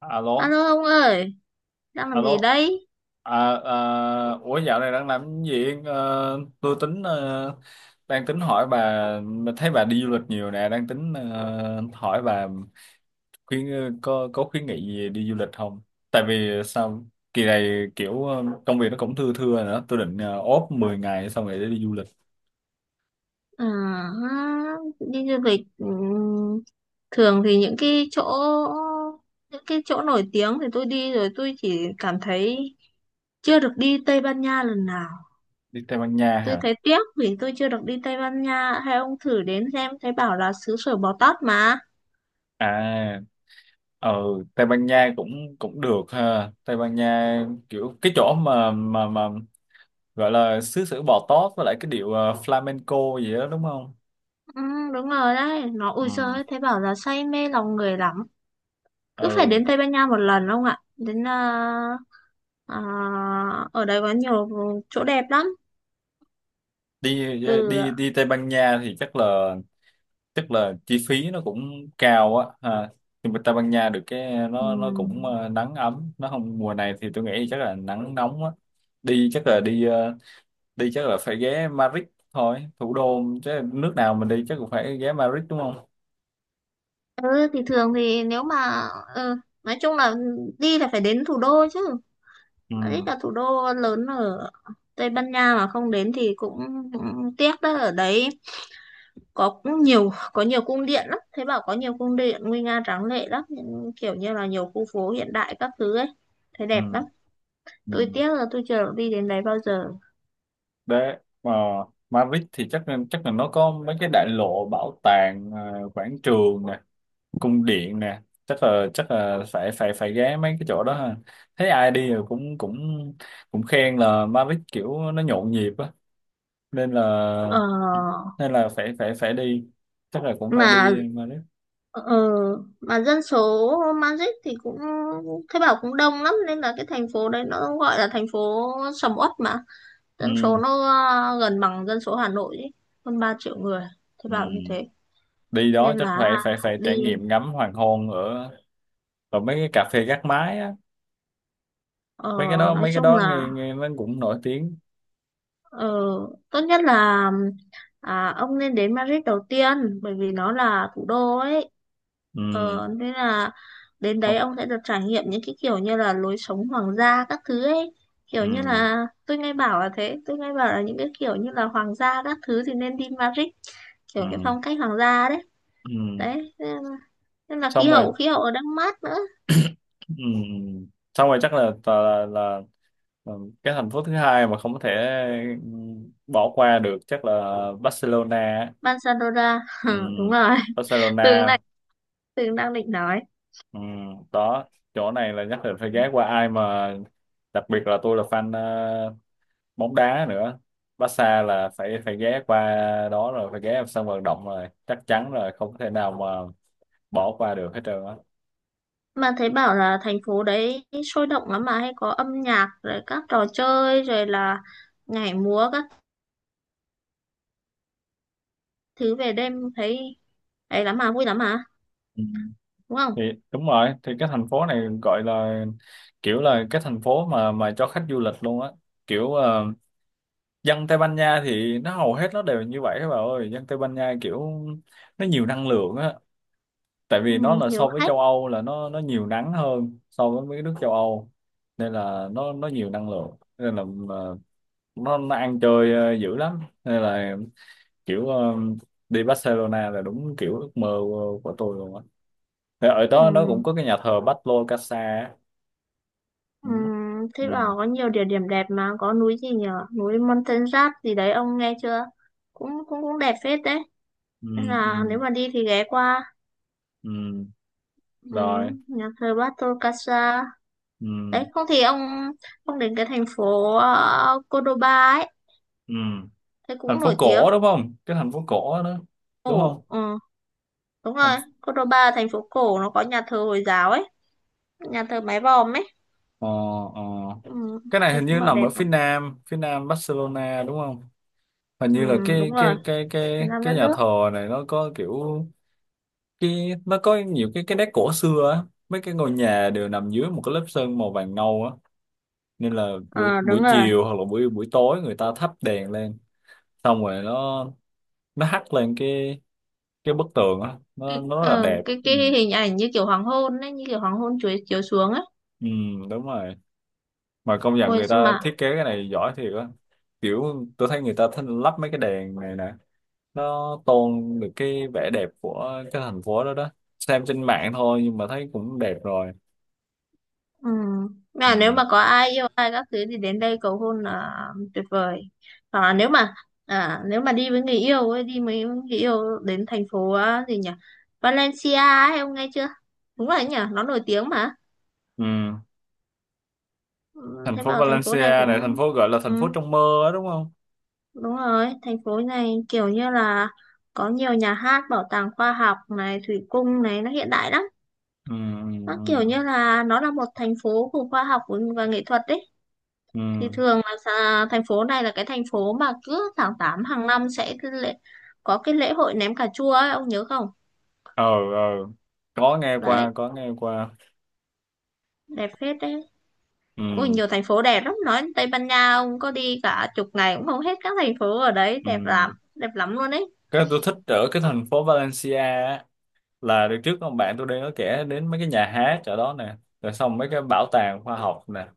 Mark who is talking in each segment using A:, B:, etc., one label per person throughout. A: Alo
B: Alo ông ơi, đang làm gì
A: alo
B: đấy?
A: À, ủa dạo này đang làm cái gì? Ờ, tôi tính đang tính hỏi bà mà thấy bà đi du lịch nhiều nè, đang tính hỏi bà khuyên, có khuyến nghị gì đi du lịch không? Tại vì sao kỳ này kiểu công việc nó cũng thưa thưa nữa, tôi định ốp 10 ngày xong rồi để đi du lịch.
B: À, ha, đi du lịch, thường thì những cái chỗ, nổi tiếng thì tôi đi rồi, tôi chỉ cảm thấy chưa được đi Tây Ban Nha lần nào.
A: Đi Tây Ban Nha
B: Tôi
A: hả?
B: thấy tiếc vì tôi chưa được đi Tây Ban Nha. Hay ông thử đến xem, thấy bảo là xứ sở bò tót mà.
A: À, ờ, Tây Ban Nha cũng cũng được ha. Tây Ban Nha kiểu cái chỗ mà gọi là xứ sở bò tót, với lại cái điệu flamenco gì đó đúng không?
B: Ừ, đúng rồi đấy, nó ui giời
A: Ừ.
B: ơi, thấy bảo là say mê lòng người lắm. Cứ phải
A: Ừ.
B: đến Tây Ban Nha một lần ông ạ. Đến, à, ở đây có nhiều chỗ đẹp lắm,
A: đi
B: ừ
A: đi
B: ạ.
A: Đi Tây Ban Nha thì chắc là chi phí nó cũng cao á ha. Nhưng mà Tây Ban Nha được cái
B: Ừ.
A: nó cũng nắng ấm, nó không, mùa này thì tôi nghĩ chắc là nắng nóng á. Đi chắc là đi, đi chắc là phải ghé Madrid thôi, thủ đô chứ, nước nào mình đi chắc cũng phải ghé Madrid đúng không?
B: Ừ thì thường thì nếu mà, ừ, nói chung là đi là phải đến thủ đô chứ.
A: Ừ.
B: Madrid là thủ đô lớn ở Tây Ban Nha mà không đến thì cũng tiếc đó. Ở đấy có nhiều cung điện lắm, thấy bảo có nhiều cung điện nguy nga tráng lệ lắm, những kiểu như là nhiều khu phố hiện đại các thứ ấy, thấy
A: Ừ.
B: đẹp lắm.
A: Ừ.
B: Tôi tiếc là tôi chưa được đi đến đấy bao giờ.
A: Đấy, mà Madrid thì chắc là nó có mấy cái đại lộ, bảo tàng, quảng trường nè, cung điện nè, chắc là phải phải phải ghé mấy cái chỗ đó ha. Thấy ai đi rồi cũng cũng cũng khen là Madrid kiểu nó nhộn nhịp á, nên là
B: ờ,
A: phải phải phải đi, chắc là cũng phải
B: mà
A: đi Madrid.
B: Ờ, mà dân số Magic thì cũng Thế Bảo cũng đông lắm, nên là cái thành phố đấy nó gọi là thành phố sầm uất mà.
A: Ừ,
B: Dân số nó gần bằng dân số Hà Nội ấy, hơn 3 triệu người. Thế
A: ừ.
B: Bảo như thế
A: Đi đó
B: nên
A: chắc
B: là
A: phải phải phải
B: đi,
A: trải nghiệm ngắm hoàng hôn ở ở mấy cái cà phê gác mái á,
B: ờ, nói
A: mấy cái
B: chung
A: đó
B: là,
A: nghe nghe nó cũng nổi tiếng.
B: ờ, tốt nhất là, ông nên đến Madrid đầu tiên bởi vì nó là thủ đô ấy. Ờ, thế là đến
A: Ừ.
B: đấy ông sẽ được trải nghiệm những cái kiểu như là lối sống hoàng gia các thứ ấy. Kiểu như
A: Ừ.
B: là tôi nghe bảo là thế, tôi nghe bảo là những cái kiểu như là hoàng gia các thứ thì nên đi Madrid, kiểu cái
A: Ừ.
B: phong cách hoàng gia đấy.
A: Ừ.
B: Đấy, thế là
A: Xong rồi.
B: khí hậu ở đang mát nữa.
A: Ừ. Xong rồi chắc là, là cái thành phố thứ hai mà không có thể, ừ, bỏ qua được chắc là Barcelona á.
B: Barcelona,
A: Ừ.
B: đúng rồi. Tường
A: Barcelona.
B: đang, Tường đang định nói.
A: Ừ. Đó, chỗ này là nhất định phải ghé qua, ai mà đặc biệt là tôi là fan bóng đá nữa, Barca là phải phải ghé qua. Đó rồi phải ghé vào sân vận động rồi, chắc chắn rồi, không thể nào mà bỏ qua được hết trơn
B: Mà thấy bảo là thành phố đấy sôi động lắm, mà hay có âm nhạc rồi các trò chơi rồi là nhảy múa các thứ về đêm, thấy ấy lắm mà, vui lắm mà.
A: á.
B: Đúng không?
A: Thì đúng rồi, thì cái thành phố này gọi là kiểu là cái thành phố mà cho khách du lịch luôn á, kiểu dân Tây Ban Nha thì nó hầu hết nó đều như vậy các bạn ơi, dân Tây Ban Nha kiểu nó nhiều năng lượng á, tại vì nó là
B: Hiếu
A: so với
B: khách.
A: châu Âu là nó nhiều nắng hơn so với mấy nước châu Âu, nên là nó nhiều năng lượng, nên là ờ, nó ăn chơi dữ lắm, nên là kiểu đi Barcelona là đúng kiểu ước mơ của tôi luôn á. Thì ở đó nó cũng
B: Ừm,
A: có cái nhà thờ Pablo Casa. Đúng đấy. Ừ,
B: thế bảo có nhiều địa điểm đẹp mà có núi gì nhở, núi Montserrat gì đấy, ông nghe chưa? Cũng cũng cũng đẹp phết đấy,
A: ừ,
B: nên là nếu
A: ừ,
B: mà đi thì ghé qua.
A: ừ. Rồi.
B: Nhà thờ Bartol Casa
A: Ừ,
B: đấy. Không thì ông đến cái thành phố, Cordoba ấy,
A: ừ.
B: thế
A: Thành
B: cũng
A: phố
B: nổi tiếng.
A: cổ đúng không, cái thành phố cổ đó, đúng
B: Cổ,
A: không?
B: ừ, đúng rồi.
A: Thành...
B: Cordoba thành phố cổ, nó có nhà thờ Hồi giáo ấy, nhà thờ mái vòm ấy.
A: Ờ, ờ.
B: Ừm,
A: Cái này
B: thế
A: hình
B: cũng
A: như
B: bảo
A: nằm
B: đẹp
A: ở
B: mà.
A: phía nam Barcelona đúng không? Hình như là
B: Đúng rồi. Việt Nam đất
A: cái nhà
B: nước.
A: thờ này nó có kiểu, cái nó có nhiều cái nét cổ xưa á, mấy cái ngôi nhà đều nằm dưới một cái lớp sơn màu vàng nâu á, nên là buổi
B: Ờ, đúng
A: buổi
B: rồi.
A: chiều hoặc là buổi buổi tối người ta thắp đèn lên, xong rồi nó hắt lên cái bức tường á, nó rất là
B: Ờ,
A: đẹp.
B: cái
A: Ừ.
B: cái hình ảnh như kiểu hoàng hôn ấy, như kiểu hoàng hôn chuối chiếu xuống ấy.
A: Ừ. Đúng rồi. Mà công nhận
B: Ôi
A: người
B: sao
A: ta
B: mà
A: thiết kế cái này giỏi thiệt á, kiểu tôi thấy người ta thích lắp mấy cái đèn này nè, nó tôn được cái vẻ đẹp của cái thành phố đó. Đó, xem trên mạng thôi nhưng mà thấy cũng đẹp rồi.
B: ừ. Mà nếu
A: Ừ.
B: mà có ai yêu ai các thứ thì đến đây cầu hôn là tuyệt vời. Hoặc là nếu mà, nếu mà đi với người yêu ấy, đi với người yêu đến thành phố, à, gì nhỉ, Valencia ấy, ông nghe chưa? Đúng rồi đấy nhỉ, nó nổi tiếng mà.
A: Ừ.
B: Ừ,
A: Thành
B: thế
A: phố
B: bảo thành phố này
A: Valencia
B: cũng,
A: này, thành phố gọi là
B: ừ,
A: thành phố trong mơ á đúng không?
B: đúng rồi, thành phố này kiểu như là có nhiều nhà hát, bảo tàng khoa học này, thủy cung này, nó hiện đại lắm.
A: Ừ.
B: Nó kiểu
A: Ừ.
B: như là nó là một thành phố của khoa học và nghệ thuật đấy.
A: Ừ.
B: Thì thường là thành phố này là cái thành phố mà cứ tháng 8 hàng năm sẽ cái lễ, có cái lễ hội ném cà chua ấy, ông nhớ không?
A: Ờ, ờ, có nghe
B: Đấy,
A: qua, có nghe qua.
B: đẹp phết đấy. Ui,
A: Ừ.
B: nhiều thành phố đẹp lắm. Nói Tây Ban Nha, ông có đi cả chục ngày cũng không hết các thành phố ở đấy.
A: Ừ.
B: Đẹp lắm luôn đấy.
A: Cái tôi thích ở cái thành phố Valencia á, là đợt trước ông bạn tôi đang có kể đến mấy cái nhà hát chỗ đó nè, rồi xong mấy cái bảo tàng khoa học nè,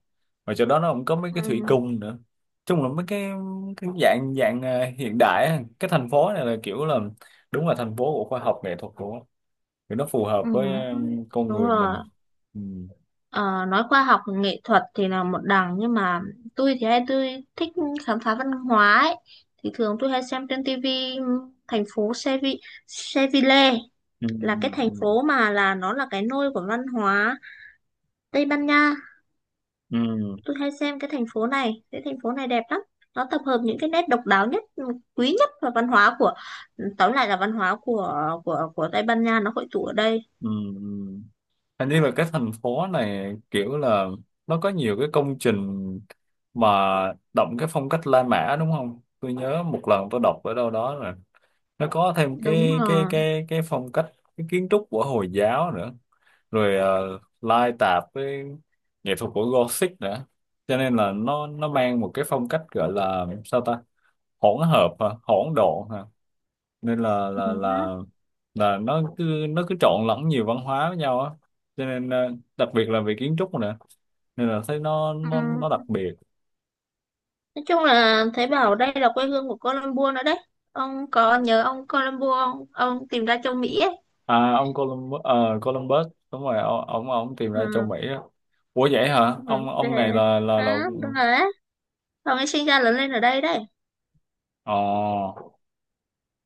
A: mà chỗ đó nó cũng có mấy cái thủy
B: Ừ,
A: cung nữa. Chung là mấy cái, dạng dạng hiện đại á. Cái thành phố này là kiểu là đúng là thành phố của khoa học nghệ thuật của, thì nó phù hợp
B: ừ,
A: với con
B: đúng
A: người
B: rồi.
A: mình. Ừ.
B: Ờ, nói khoa học nghệ thuật thì là một đằng nhưng mà tôi thì hay tôi thích khám phá văn hóa ấy. Thì thường tôi hay xem trên tivi thành phố Seville
A: Ừ.
B: là cái thành
A: Ừ.
B: phố mà là nó là cái nôi của văn hóa Tây Ban Nha.
A: Ừ.
B: Tôi hay xem cái thành phố này, cái thành phố này đẹp lắm. Nó tập hợp những cái nét độc đáo nhất, quý nhất và văn hóa của, tóm lại là văn hóa của Tây Ban Nha nó hội tụ ở đây.
A: Ừ. Hình như là cái thành phố này kiểu là nó có nhiều cái công trình mà đậm cái phong cách La Mã đúng không? Tôi nhớ một lần tôi đọc ở đâu đó rồi, nó có thêm
B: Đúng rồi.
A: cái phong cách, cái kiến trúc của Hồi giáo nữa, rồi lai tạp với nghệ thuật của Gothic nữa, cho nên là nó mang một cái phong cách gọi là sao ta, hỗn hợp hả? Hỗn độn hả? Nên là
B: Ừ.
A: là nó cứ trộn lẫn nhiều văn hóa với nhau á, cho nên đặc biệt là về kiến trúc nữa, nên là thấy
B: Ừ.
A: nó đặc biệt.
B: Nói chung là thấy bảo đây là quê hương của Colombo nữa đấy. Ông có nhớ ông Colombo, ông tìm ra châu Mỹ ấy.
A: À, ông Columbus, Columbus đúng rồi, ông tìm ra châu
B: Ừ,
A: Mỹ á. Ủa vậy hả?
B: ừ,
A: ông
B: thế.
A: ông này là...
B: À, đúng rồi đấy. Ông ấy sinh ra lớn lên ở đây đấy.
A: Ờ,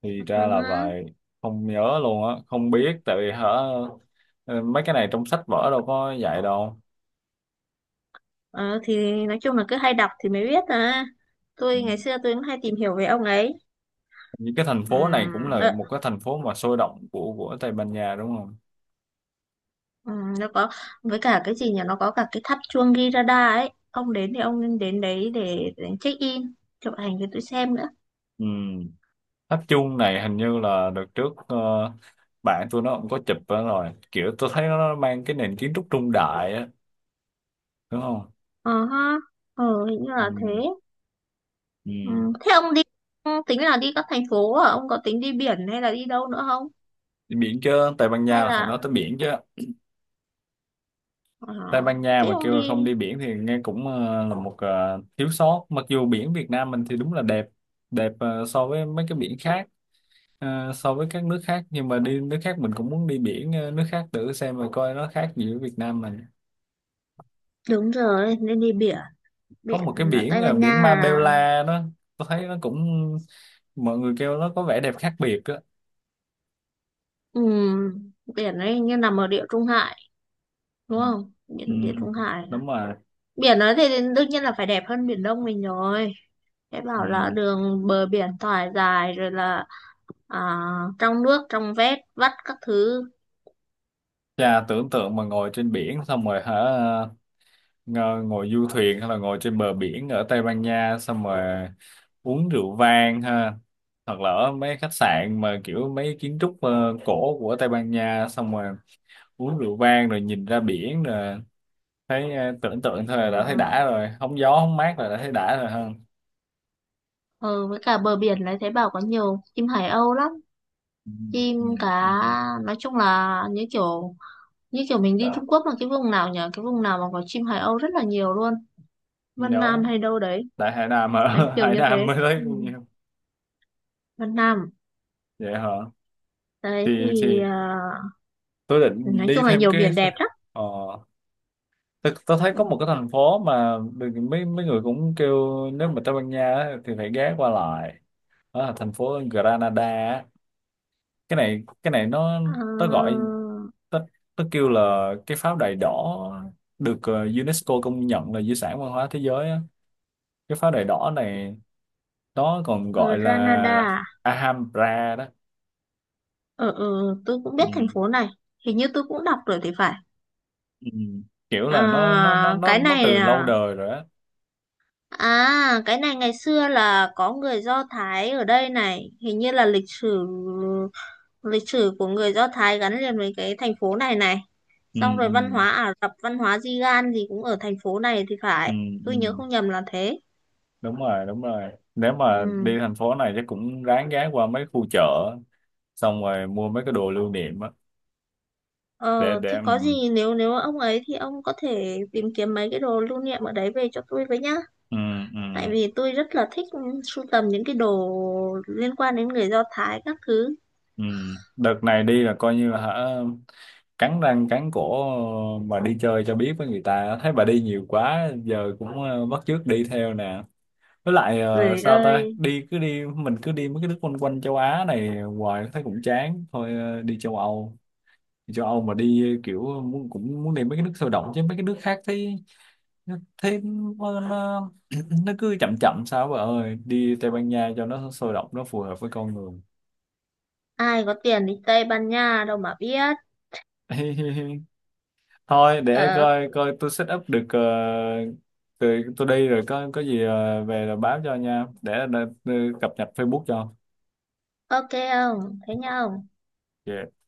A: thì
B: Ừ,
A: ra là
B: hứ.
A: vậy. Không nhớ luôn á, không biết tại vì hả, ờ, mấy cái này trong sách vở đâu có dạy đâu.
B: Ờ, thì nói chung là cứ hay đọc thì mới biết à.
A: Ừ.
B: Tôi ngày xưa tôi cũng hay tìm hiểu về ông ấy.
A: Những cái thành
B: Ừ,
A: phố này cũng là
B: ờ,
A: một cái thành phố mà sôi động của Tây Ban Nha đúng không?
B: ừ, nó có với cả cái gì nhỉ? Nó có cả cái tháp chuông Girarda ấy. Ông đến thì ông nên đến đấy để check in, chụp ảnh cho tôi xem nữa.
A: Ừ. Tháp chuông này hình như là đợt trước bạn tôi nó cũng có chụp đó rồi, kiểu tôi thấy nó mang cái nền kiến trúc trung đại á đúng không?
B: Ờ ha. Ờ, hình như
A: Ừ,
B: là thế.
A: ừ.
B: Ừ. Thế ông đi tính là đi các thành phố à? Ông có tính đi biển hay là đi đâu nữa không?
A: Đi biển chứ, Tây Ban
B: Hay
A: Nha là phải
B: là,
A: nói tới biển chứ.
B: ờ,
A: Tây Ban Nha
B: thế
A: mà
B: ông
A: kêu là không
B: đi,
A: đi biển thì nghe cũng là một, thiếu sót, mặc dù biển Việt Nam mình thì đúng là đẹp, đẹp so với mấy cái biển khác, so với các nước khác, nhưng mà đi nước khác mình cũng muốn đi biển, nước khác thử xem mà coi nó khác gì với Việt Nam mình.
B: đúng rồi nên đi biển.
A: Có
B: Biển
A: một cái
B: là
A: biển,
B: Tây Ban
A: biển
B: Nha là,
A: Marbella đó, tôi thấy nó cũng, mọi người kêu nó có vẻ đẹp khác biệt đó.
B: ừ, biển ấy như nằm ở địa Trung Hải,
A: Ừ,
B: đúng không?
A: ừ,
B: Biển địa Trung Hải à?
A: đúng rồi.
B: Biển ấy thì đương nhiên là phải đẹp hơn biển Đông mình rồi. Thế
A: Ừ.
B: bảo là đường bờ biển thoải dài rồi là, à, trong nước trong vét vắt các thứ.
A: Chà, tưởng tượng mà ngồi trên biển xong rồi hả, ngồi du thuyền hay là ngồi trên bờ biển ở Tây Ban Nha xong rồi uống rượu vang ha, hoặc là ở mấy khách sạn mà kiểu mấy kiến trúc cổ của Tây Ban Nha xong rồi uống rượu vang rồi nhìn ra biển rồi, thấy tưởng tượng thôi là
B: Ờ,
A: đã thấy đã rồi, hóng gió hóng mát là đã thấy đã rồi ha.
B: ờ, với cả bờ biển đấy thấy bảo có nhiều chim hải âu lắm,
A: Ừ,
B: chim
A: ừ,
B: cả.
A: ừ.
B: Nói chung là như kiểu, như kiểu mình đi
A: Đó.
B: Trung Quốc là cái vùng nào nhỉ, cái vùng nào mà có chim Hải Âu rất là nhiều luôn, Vân Nam
A: Đó,
B: hay đâu đấy.
A: tại Hải Nam
B: Đấy
A: ở
B: kiểu
A: Hải
B: như
A: Nam
B: thế
A: mới
B: ừ.
A: thấy bao nhiêu.
B: Vân Nam
A: Vậy hả?
B: đấy
A: thì
B: thì,
A: thì
B: à,
A: tôi định
B: nói
A: đi
B: chung là
A: thêm
B: nhiều
A: cái,
B: biển đẹp lắm
A: ờ, tôi thấy có
B: ừ.
A: một cái thành phố mà được- mấy mấy người cũng kêu nếu mà Tây Ban Nha á, thì phải ghé qua lại. Đó là thành phố Granada á. Cái này
B: Ờ,
A: nó gọi nó, nó kêu là cái pháo đài đỏ, được UNESCO công nhận là di sản văn hóa thế giới á. Cái pháo đài đỏ này nó còn
B: ở
A: gọi là
B: Granada,
A: Alhambra đó.
B: ở, ừ, ừ, tôi cũng biết thành
A: Ừ.
B: phố này, hình như tôi cũng đọc rồi thì phải.
A: Ừ. Kiểu
B: À,
A: là
B: cái
A: nó
B: này
A: từ lâu
B: là
A: đời rồi á.
B: À, cái này ngày xưa là có người Do Thái ở đây này, hình như là lịch sử, của người Do Thái gắn liền với cái thành phố này này.
A: Ừ.
B: Xong rồi văn
A: Ừ.
B: hóa Ả Rập, văn hóa Di-gan gì cũng ở thành phố này thì
A: Ừ.
B: phải.
A: Ừ.
B: Tôi nhớ không nhầm là thế.
A: Đúng rồi, đúng rồi, nếu mà
B: Ừ.
A: đi thành phố này chắc cũng ráng ghé qua mấy khu chợ xong rồi mua mấy cái đồ lưu niệm á.
B: Ờ,
A: Để
B: thì
A: ừ.
B: có gì nếu, ông ấy thì ông có thể tìm kiếm mấy cái đồ lưu niệm ở đấy về cho tôi với nhá.
A: Ừ. Ừ.
B: Tại vì tôi rất là thích sưu tầm những cái đồ liên quan đến người Do Thái các thứ.
A: Ừ. Đợt này đi là coi như là hả, cắn răng cắn cổ mà đi chơi cho biết với người ta, thấy bà đi nhiều quá giờ cũng bắt chước đi theo nè, với lại
B: Rồi
A: sao ta,
B: ơi.
A: đi cứ đi, mình cứ đi mấy cái nước quanh quanh châu Á này hoài thấy cũng chán, thôi đi châu Âu. Đi châu Âu mà đi kiểu muốn, cũng muốn đi mấy cái nước sôi động chứ mấy cái nước khác thấy, thấy nó nó, nó cứ chậm chậm sao bà ơi, đi Tây Ban Nha cho nó sôi động, nó phù hợp với con người.
B: Ai có tiền đi Tây Ban Nha đâu mà biết.
A: Thôi để
B: Ờ,
A: coi coi tôi set up được tôi đi rồi có gì về rồi báo cho nha, để cập nhật Facebook cho.
B: ok không thế nhau.
A: Ok.